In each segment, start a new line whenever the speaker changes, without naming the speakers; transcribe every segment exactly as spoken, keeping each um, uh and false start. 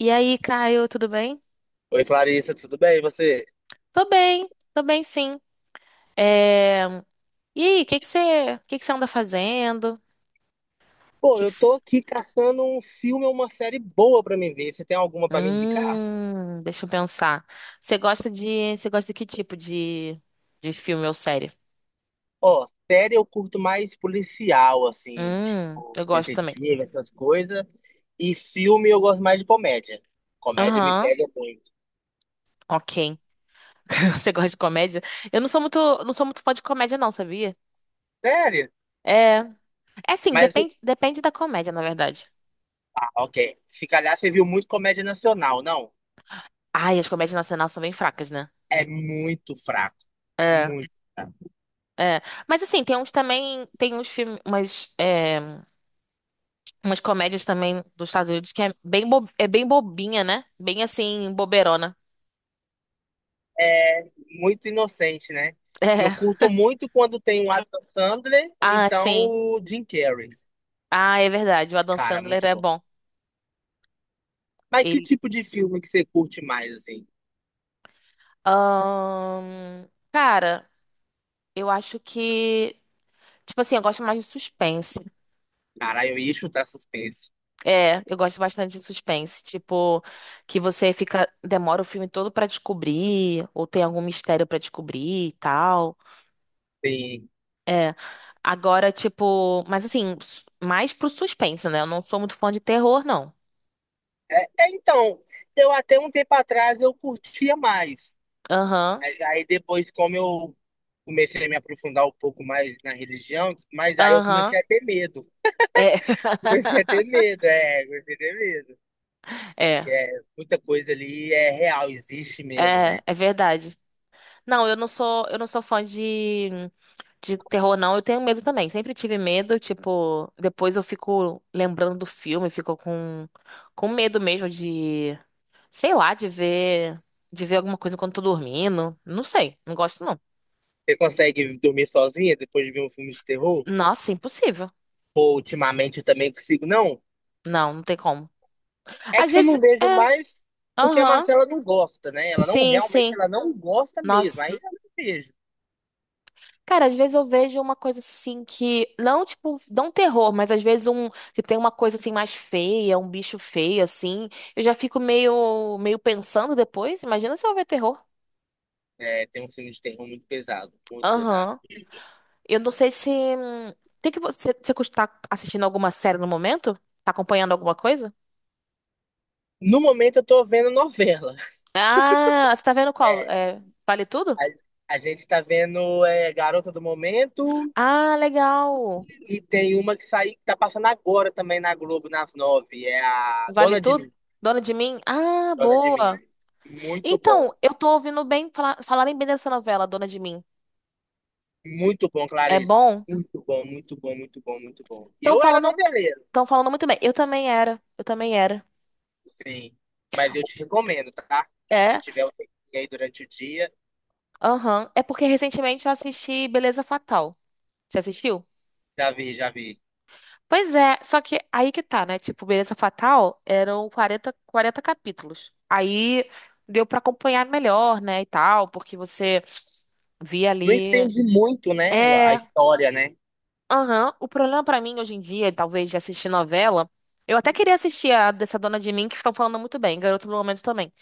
E aí, Caio, tudo bem?
Oi, Clarissa, tudo bem? E você?
Tô bem, tô bem sim. É... E aí, o que que você, que que você anda fazendo?
Pô,
Que que...
eu
c-
tô aqui caçando um filme ou uma série boa pra me ver. Você tem alguma pra me indicar?
Hum, deixa eu pensar. Você gosta de, você gosta de que tipo de, de filme ou série?
Ó, série eu curto mais policial, assim,
Hum,
tipo,
eu gosto também.
detetive, essas coisas. E filme eu gosto mais de comédia. Comédia me
Aham,
pega muito.
ok. Você gosta de comédia? Eu não sou muito, não sou muito fã de comédia não, sabia?
Sério?
É, é assim,
Mas,
depende, depende da comédia, na verdade.
ah, ok. Se calhar você viu muito comédia nacional, não?
Ai, as comédias nacionais são bem fracas, né?
É muito fraco.
É.
Muito.
É, mas assim, tem uns também, tem uns filmes, umas, é, umas comédias também dos Estados Unidos que é bem, bo- é bem bobinha, né? Bem assim, boberona.
É muito inocente, né? Eu
É.
curto muito quando tem o Adam Sandler ou
Ah,
então
sim.
o Jim Carrey.
Ah, é verdade. O Adam
Cara,
Sandler
muito
é
bom.
bom.
Mas que
Ele.
tipo de filme que você curte mais, assim?
Ahn, cara, eu acho que. Tipo assim, eu gosto mais de suspense.
Cara, eu ia chutar suspense.
É, eu gosto bastante de suspense. Tipo, que você fica. Demora o filme todo pra descobrir, ou tem algum mistério pra descobrir e tal.
Sim.
É. Agora, tipo, mas assim, s- mais pro suspense, né? Eu não sou muito fã de terror, não.
É, é, então, eu até um tempo atrás eu curtia mais.
Aham,
Mas aí depois, como eu comecei a me aprofundar um pouco mais na religião, mas aí eu
aham.
comecei a ter medo.
É.
Comecei a ter medo, é, comecei a ter medo.
É,
É, muita coisa ali é real, existe mesmo,
é,
né?
é verdade. Não, eu não sou, eu não sou fã de, de terror, não. Eu tenho medo também. Sempre tive medo, tipo, depois eu fico lembrando do filme, fico com, com medo mesmo de, sei lá, de ver, de ver alguma coisa quando tô dormindo. Não sei, não gosto não.
Você consegue dormir sozinha depois de ver um filme de terror?
Nossa, impossível.
Pô, ultimamente eu também consigo. Não,
Não, não tem como.
é
Às
que eu não
vezes,
vejo
é.
mais porque a
Aham.
Marcela não gosta, né? Ela não
Sim,
realmente,
sim.
ela não gosta mesmo. Aí
Nossa.
eu não vejo.
Cara, às vezes eu vejo uma coisa assim que, não tipo, não terror, mas às vezes um que tem uma coisa assim mais feia, um bicho feio assim, eu já fico meio meio pensando depois, imagina se eu ver terror.
É, tem um filme de terror muito pesado, muito pesado.
Aham. Eu não sei se hum, tem que você você está assistindo alguma série no momento? Tá acompanhando alguma coisa?
No momento eu tô vendo novela.
Ah, você tá vendo qual?
É,
É, Vale Tudo?
a, a gente tá vendo é, Garota do Momento
Ah, legal.
e tem uma que sai, que tá passando agora também na Globo, nas nove. É a
Vale
Dona de
Tudo?
Mim.
Dona de Mim? Ah,
Dona de Mim.
boa.
Muito
Então,
bom.
eu tô ouvindo bem fala- falarem bem dessa novela, Dona de Mim.
Muito bom,
É
Clarice.
bom?
Muito bom, muito bom, muito bom, muito bom.
Estão
Eu era
falando,
noveleiro,
estão falando muito bem. Eu também era, eu também era.
sim. Mas eu te recomendo, tá? Se
É,
tiver um tempinho aí durante o dia,
aham. É porque recentemente eu assisti Beleza Fatal. Você assistiu?
já vi, já vi.
Pois é, só que aí que tá, né? Tipo, Beleza Fatal eram quarenta 40 capítulos. Aí deu pra acompanhar melhor, né, e tal, porque você via
Não
ali.
estende muito, né? A
É,
história, né?
aham. O problema pra mim hoje em dia, talvez de assistir novela, eu até queria assistir a dessa Dona de Mim, que estão falando muito bem, Garoto do Momento também.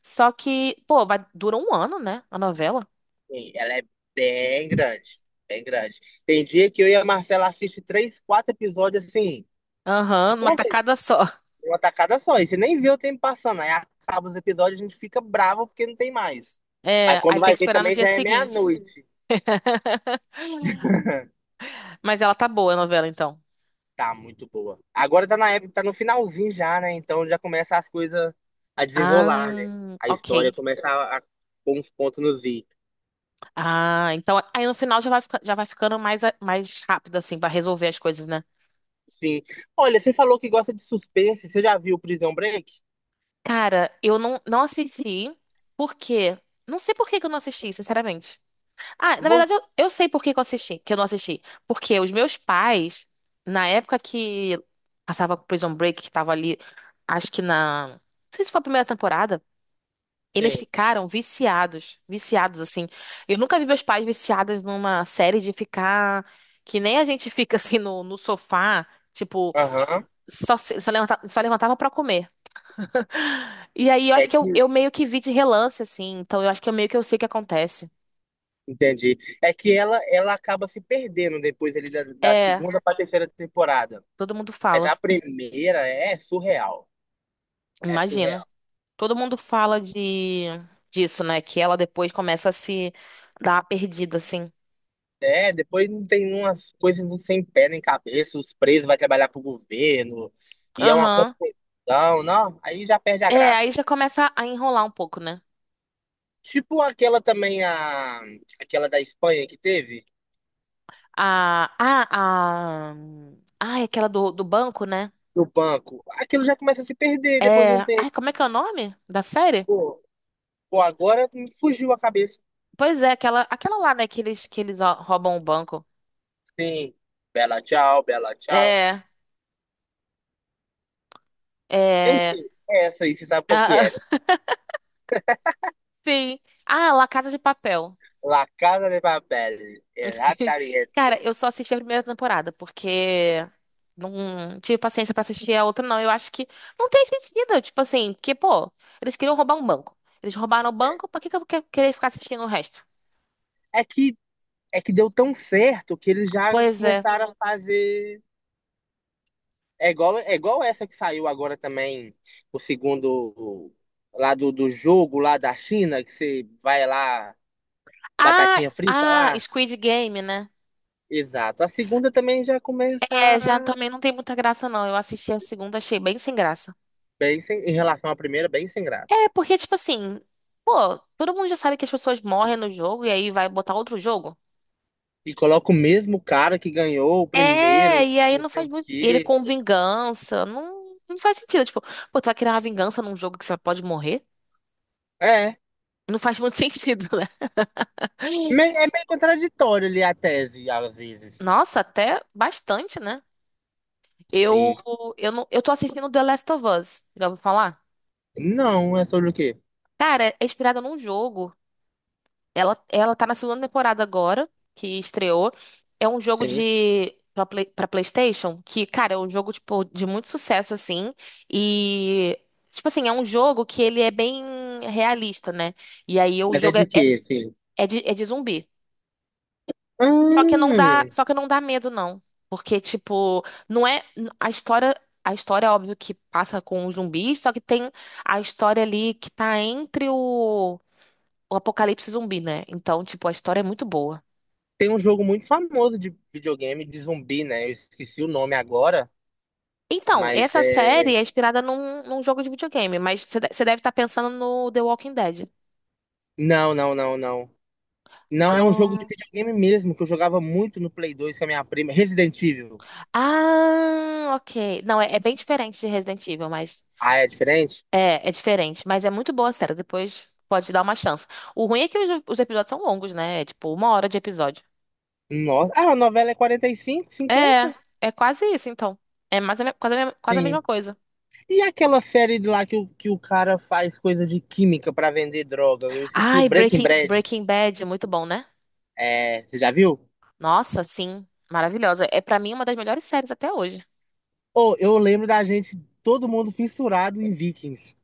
Só que, pô, vai, dura um ano, né, a novela?
Sim, ela é bem grande. Bem grande. Tem dia que eu e a Marcela assiste três, quatro episódios assim,
Aham,
de
uma
uma vez,
tacada só.
uma tacada só. E você nem vê o tempo passando. Aí acaba os episódios, a gente fica bravo porque não tem mais. Mas
É, aí
quando
tem
vai
que
ver
esperar no
também
dia
já é
seguinte.
meia-noite.
Mas ela tá boa, a novela, então.
Tá muito boa. Agora tá na época, tá no finalzinho já, né? Então já começa as coisas a desenrolar, né?
Ah,
A história
ok.
começa a, a pôr uns pontos nos i.
Ah, então aí no final já vai, fica- já vai ficando mais, a- mais rápido, assim, pra resolver as coisas, né?
Sim. Olha, você falou que gosta de suspense. Você já viu Prison Break?
Cara, eu não, não assisti, porque. Não sei por que que eu não assisti, sinceramente. Ah, na verdade, eu, eu sei por que que eu assisti, que eu não assisti. Porque os meus pais, na época que passava com Prison Break, que tava ali, acho que na. Não sei se foi a primeira temporada, eles
Você.
ficaram viciados. Viciados, assim. Eu nunca vi meus pais viciados numa série de ficar. Que nem a gente fica assim no, no sofá, tipo,
Aham.
só, se- só, levanta, só levantava pra comer. E aí eu
É
acho que eu,
que.
eu meio que vi de relance, assim. Então eu acho que eu meio que eu sei o que acontece.
Entendi. É que ela, ela acaba se perdendo depois ali da, da
É,
segunda pra terceira temporada.
todo mundo
Mas
fala.
a primeira é surreal. É surreal.
Imagino. Todo mundo fala de disso, né? Que ela depois começa a se dar a perdida, assim.
É, depois não tem umas coisas não sem pé nem cabeça, os presos vai trabalhar pro governo, e é uma
Aham.
confusão, não, aí já perde a
É, aí
graça.
já começa a enrolar um pouco, né?
Tipo aquela também, a, aquela da Espanha que teve,
A. A. A. Ai, aquela do, do banco, né?
do banco, aquilo já começa a se perder depois de
É.
um
Ai,
tempo.
como é que é o nome da série?
Pô, pô, agora me fugiu a cabeça.
Pois é, aquela, aquela lá, né? Que eles, que eles ó, roubam o banco.
Sim, bela tchau, bela tchau.
É. É.
Enfim, é essa aí, você sabe qual que
Ah,
era.
sim. Ah, La Casa de Papel.
La Casa de Papel, exatamente.
Cara, eu só assisti a primeira temporada, porque não tive paciência pra assistir a outra, não. Eu acho que não tem sentido, tipo assim, porque, pô, eles queriam roubar um banco. Eles roubaram o
É
banco, pra que que eu vou que- querer ficar assistindo o resto?
é que é que deu tão certo que eles já
Pois é.
começaram a fazer. É igual, é igual essa que saiu agora também, o segundo lá do, do jogo lá da China, que você vai lá,
Ah,
batatinha frita
ah,
lá.
Squid Game, né?
Exato. A segunda também já começa
É, já também não tem muita graça, não. Eu assisti a segunda, achei bem sem graça.
bem sem, em relação à primeira, bem sem graça.
É, porque, tipo assim, pô, todo mundo já sabe que as pessoas morrem no jogo e aí vai botar outro jogo.
E coloca o mesmo cara que ganhou o
É,
primeiro,
e aí
não
não
sei
faz
o
muito. E ele
quê.
com vingança. Não, não faz sentido. Tipo, pô, tu vai criar uma vingança num jogo que você pode morrer?
É,
Não faz muito sentido, né?
me- é meio contraditório ali a tese, às vezes.
Nossa, até bastante, né? Eu,
Sim.
eu, não, eu tô assistindo The Last of Us. Já ouviu falar?
Não, é sobre o quê?
Cara, é inspirado num jogo. Ela, ela tá na segunda temporada agora, que estreou. É um jogo
Sim.
de pra, Play- pra PlayStation, que, cara, é um jogo, tipo, de muito sucesso, assim. E, tipo assim, é um jogo que ele é bem realista, né? E aí o
Mas é
jogo é,
de quê, sim?
é de, é de zumbi. Só que
Hum,
não dá, só que não dá medo, não. Porque, tipo, não é. A história. A história é óbvio que passa com os zumbis, só que tem a história ali que tá entre o, o apocalipse zumbi, né? Então, tipo, a história é muito boa.
tem um jogo muito famoso de videogame de zumbi, né? Eu esqueci o nome agora,
Então,
mas
essa
é.
série é inspirada num, num jogo de videogame, mas você de- você deve estar pensando no The Walking Dead.
Não, não, não, não. Não, é um jogo de
Ah,
videogame mesmo, que eu jogava muito no Play dois com a minha prima. Resident Evil.
ah, ok. Não, é, é bem diferente de Resident Evil, mas
Ah, é diferente?
é, é diferente. Mas é muito boa a série. Depois pode dar uma chance. O ruim é que os, os episódios são longos, né? É tipo uma hora de episódio.
Nossa. Ah, a novela é quarenta e cinco, cinquenta,
É, é quase isso, então. É mais a me- quase, a me- quase a
sim.
mesma coisa.
E aquela série de lá que o, que o cara faz coisa de química pra vender droga? Eu esqueci o
Ai,
Breaking
Breaking,
Bad.
Breaking Bad, muito bom, né?
É, você já viu?
Nossa, sim, maravilhosa. É pra mim uma das melhores séries até hoje.
Oh, eu lembro da gente, todo mundo fissurado em Vikings.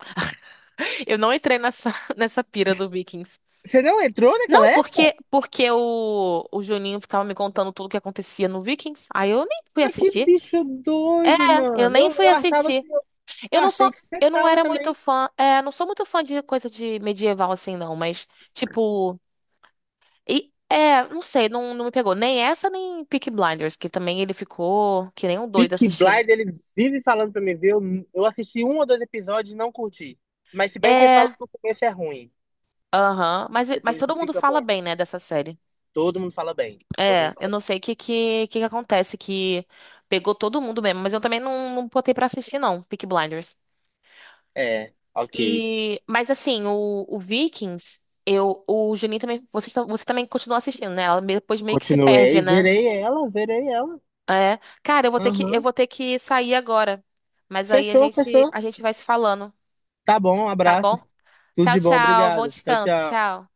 Eu não entrei nessa, nessa pira do Vikings.
Você não entrou naquela
Não,
época?
porque porque o, o Juninho ficava me contando tudo o que acontecia no Vikings. Aí eu nem fui
Ah, que
assistir.
bicho
É,
doido,
eu
mano.
nem
Eu,
fui
eu achava
assistir.
que eu,
Eu não sou,
achei que você
eu não
tava
era muito
também.
fã, é, não sou muito fã de coisa de medieval assim não, mas tipo, e, é, não sei, não, não me pegou nem essa nem Peaky Blinders, que também ele ficou que nem um doido
Peaky
assistindo.
Blind, ele vive falando pra mim ver. Eu, eu assisti um ou dois episódios e não curti. Mas se bem que ele fala
É,
que o começo é ruim,
aham, mas mas
depois que
todo mundo
fica
fala
bom.
bem, né, dessa série.
Todo mundo fala bem. Todo mundo
É, eu
fala...
não sei o que, que, que que acontece, que pegou todo mundo mesmo, mas eu também não, não botei pra assistir, não, Peaky Blinders.
É, ok.
E, mas assim, o, o Vikings, eu, o Juninho também, você, você também continua assistindo, né? Ela me- depois meio que se perde,
Continuei,
né?
verei ela, verei ela.
É. Cara, eu vou ter que, eu
Aham.
vou ter que sair agora. Mas aí a
Fechou,
gente,
fechou.
a gente vai se falando,
Tá bom, um
tá
abraço.
bom?
Tudo
Tchau,
de bom,
tchau. Bom
obrigado. Tchau,
descanso.
tchau.
Tchau.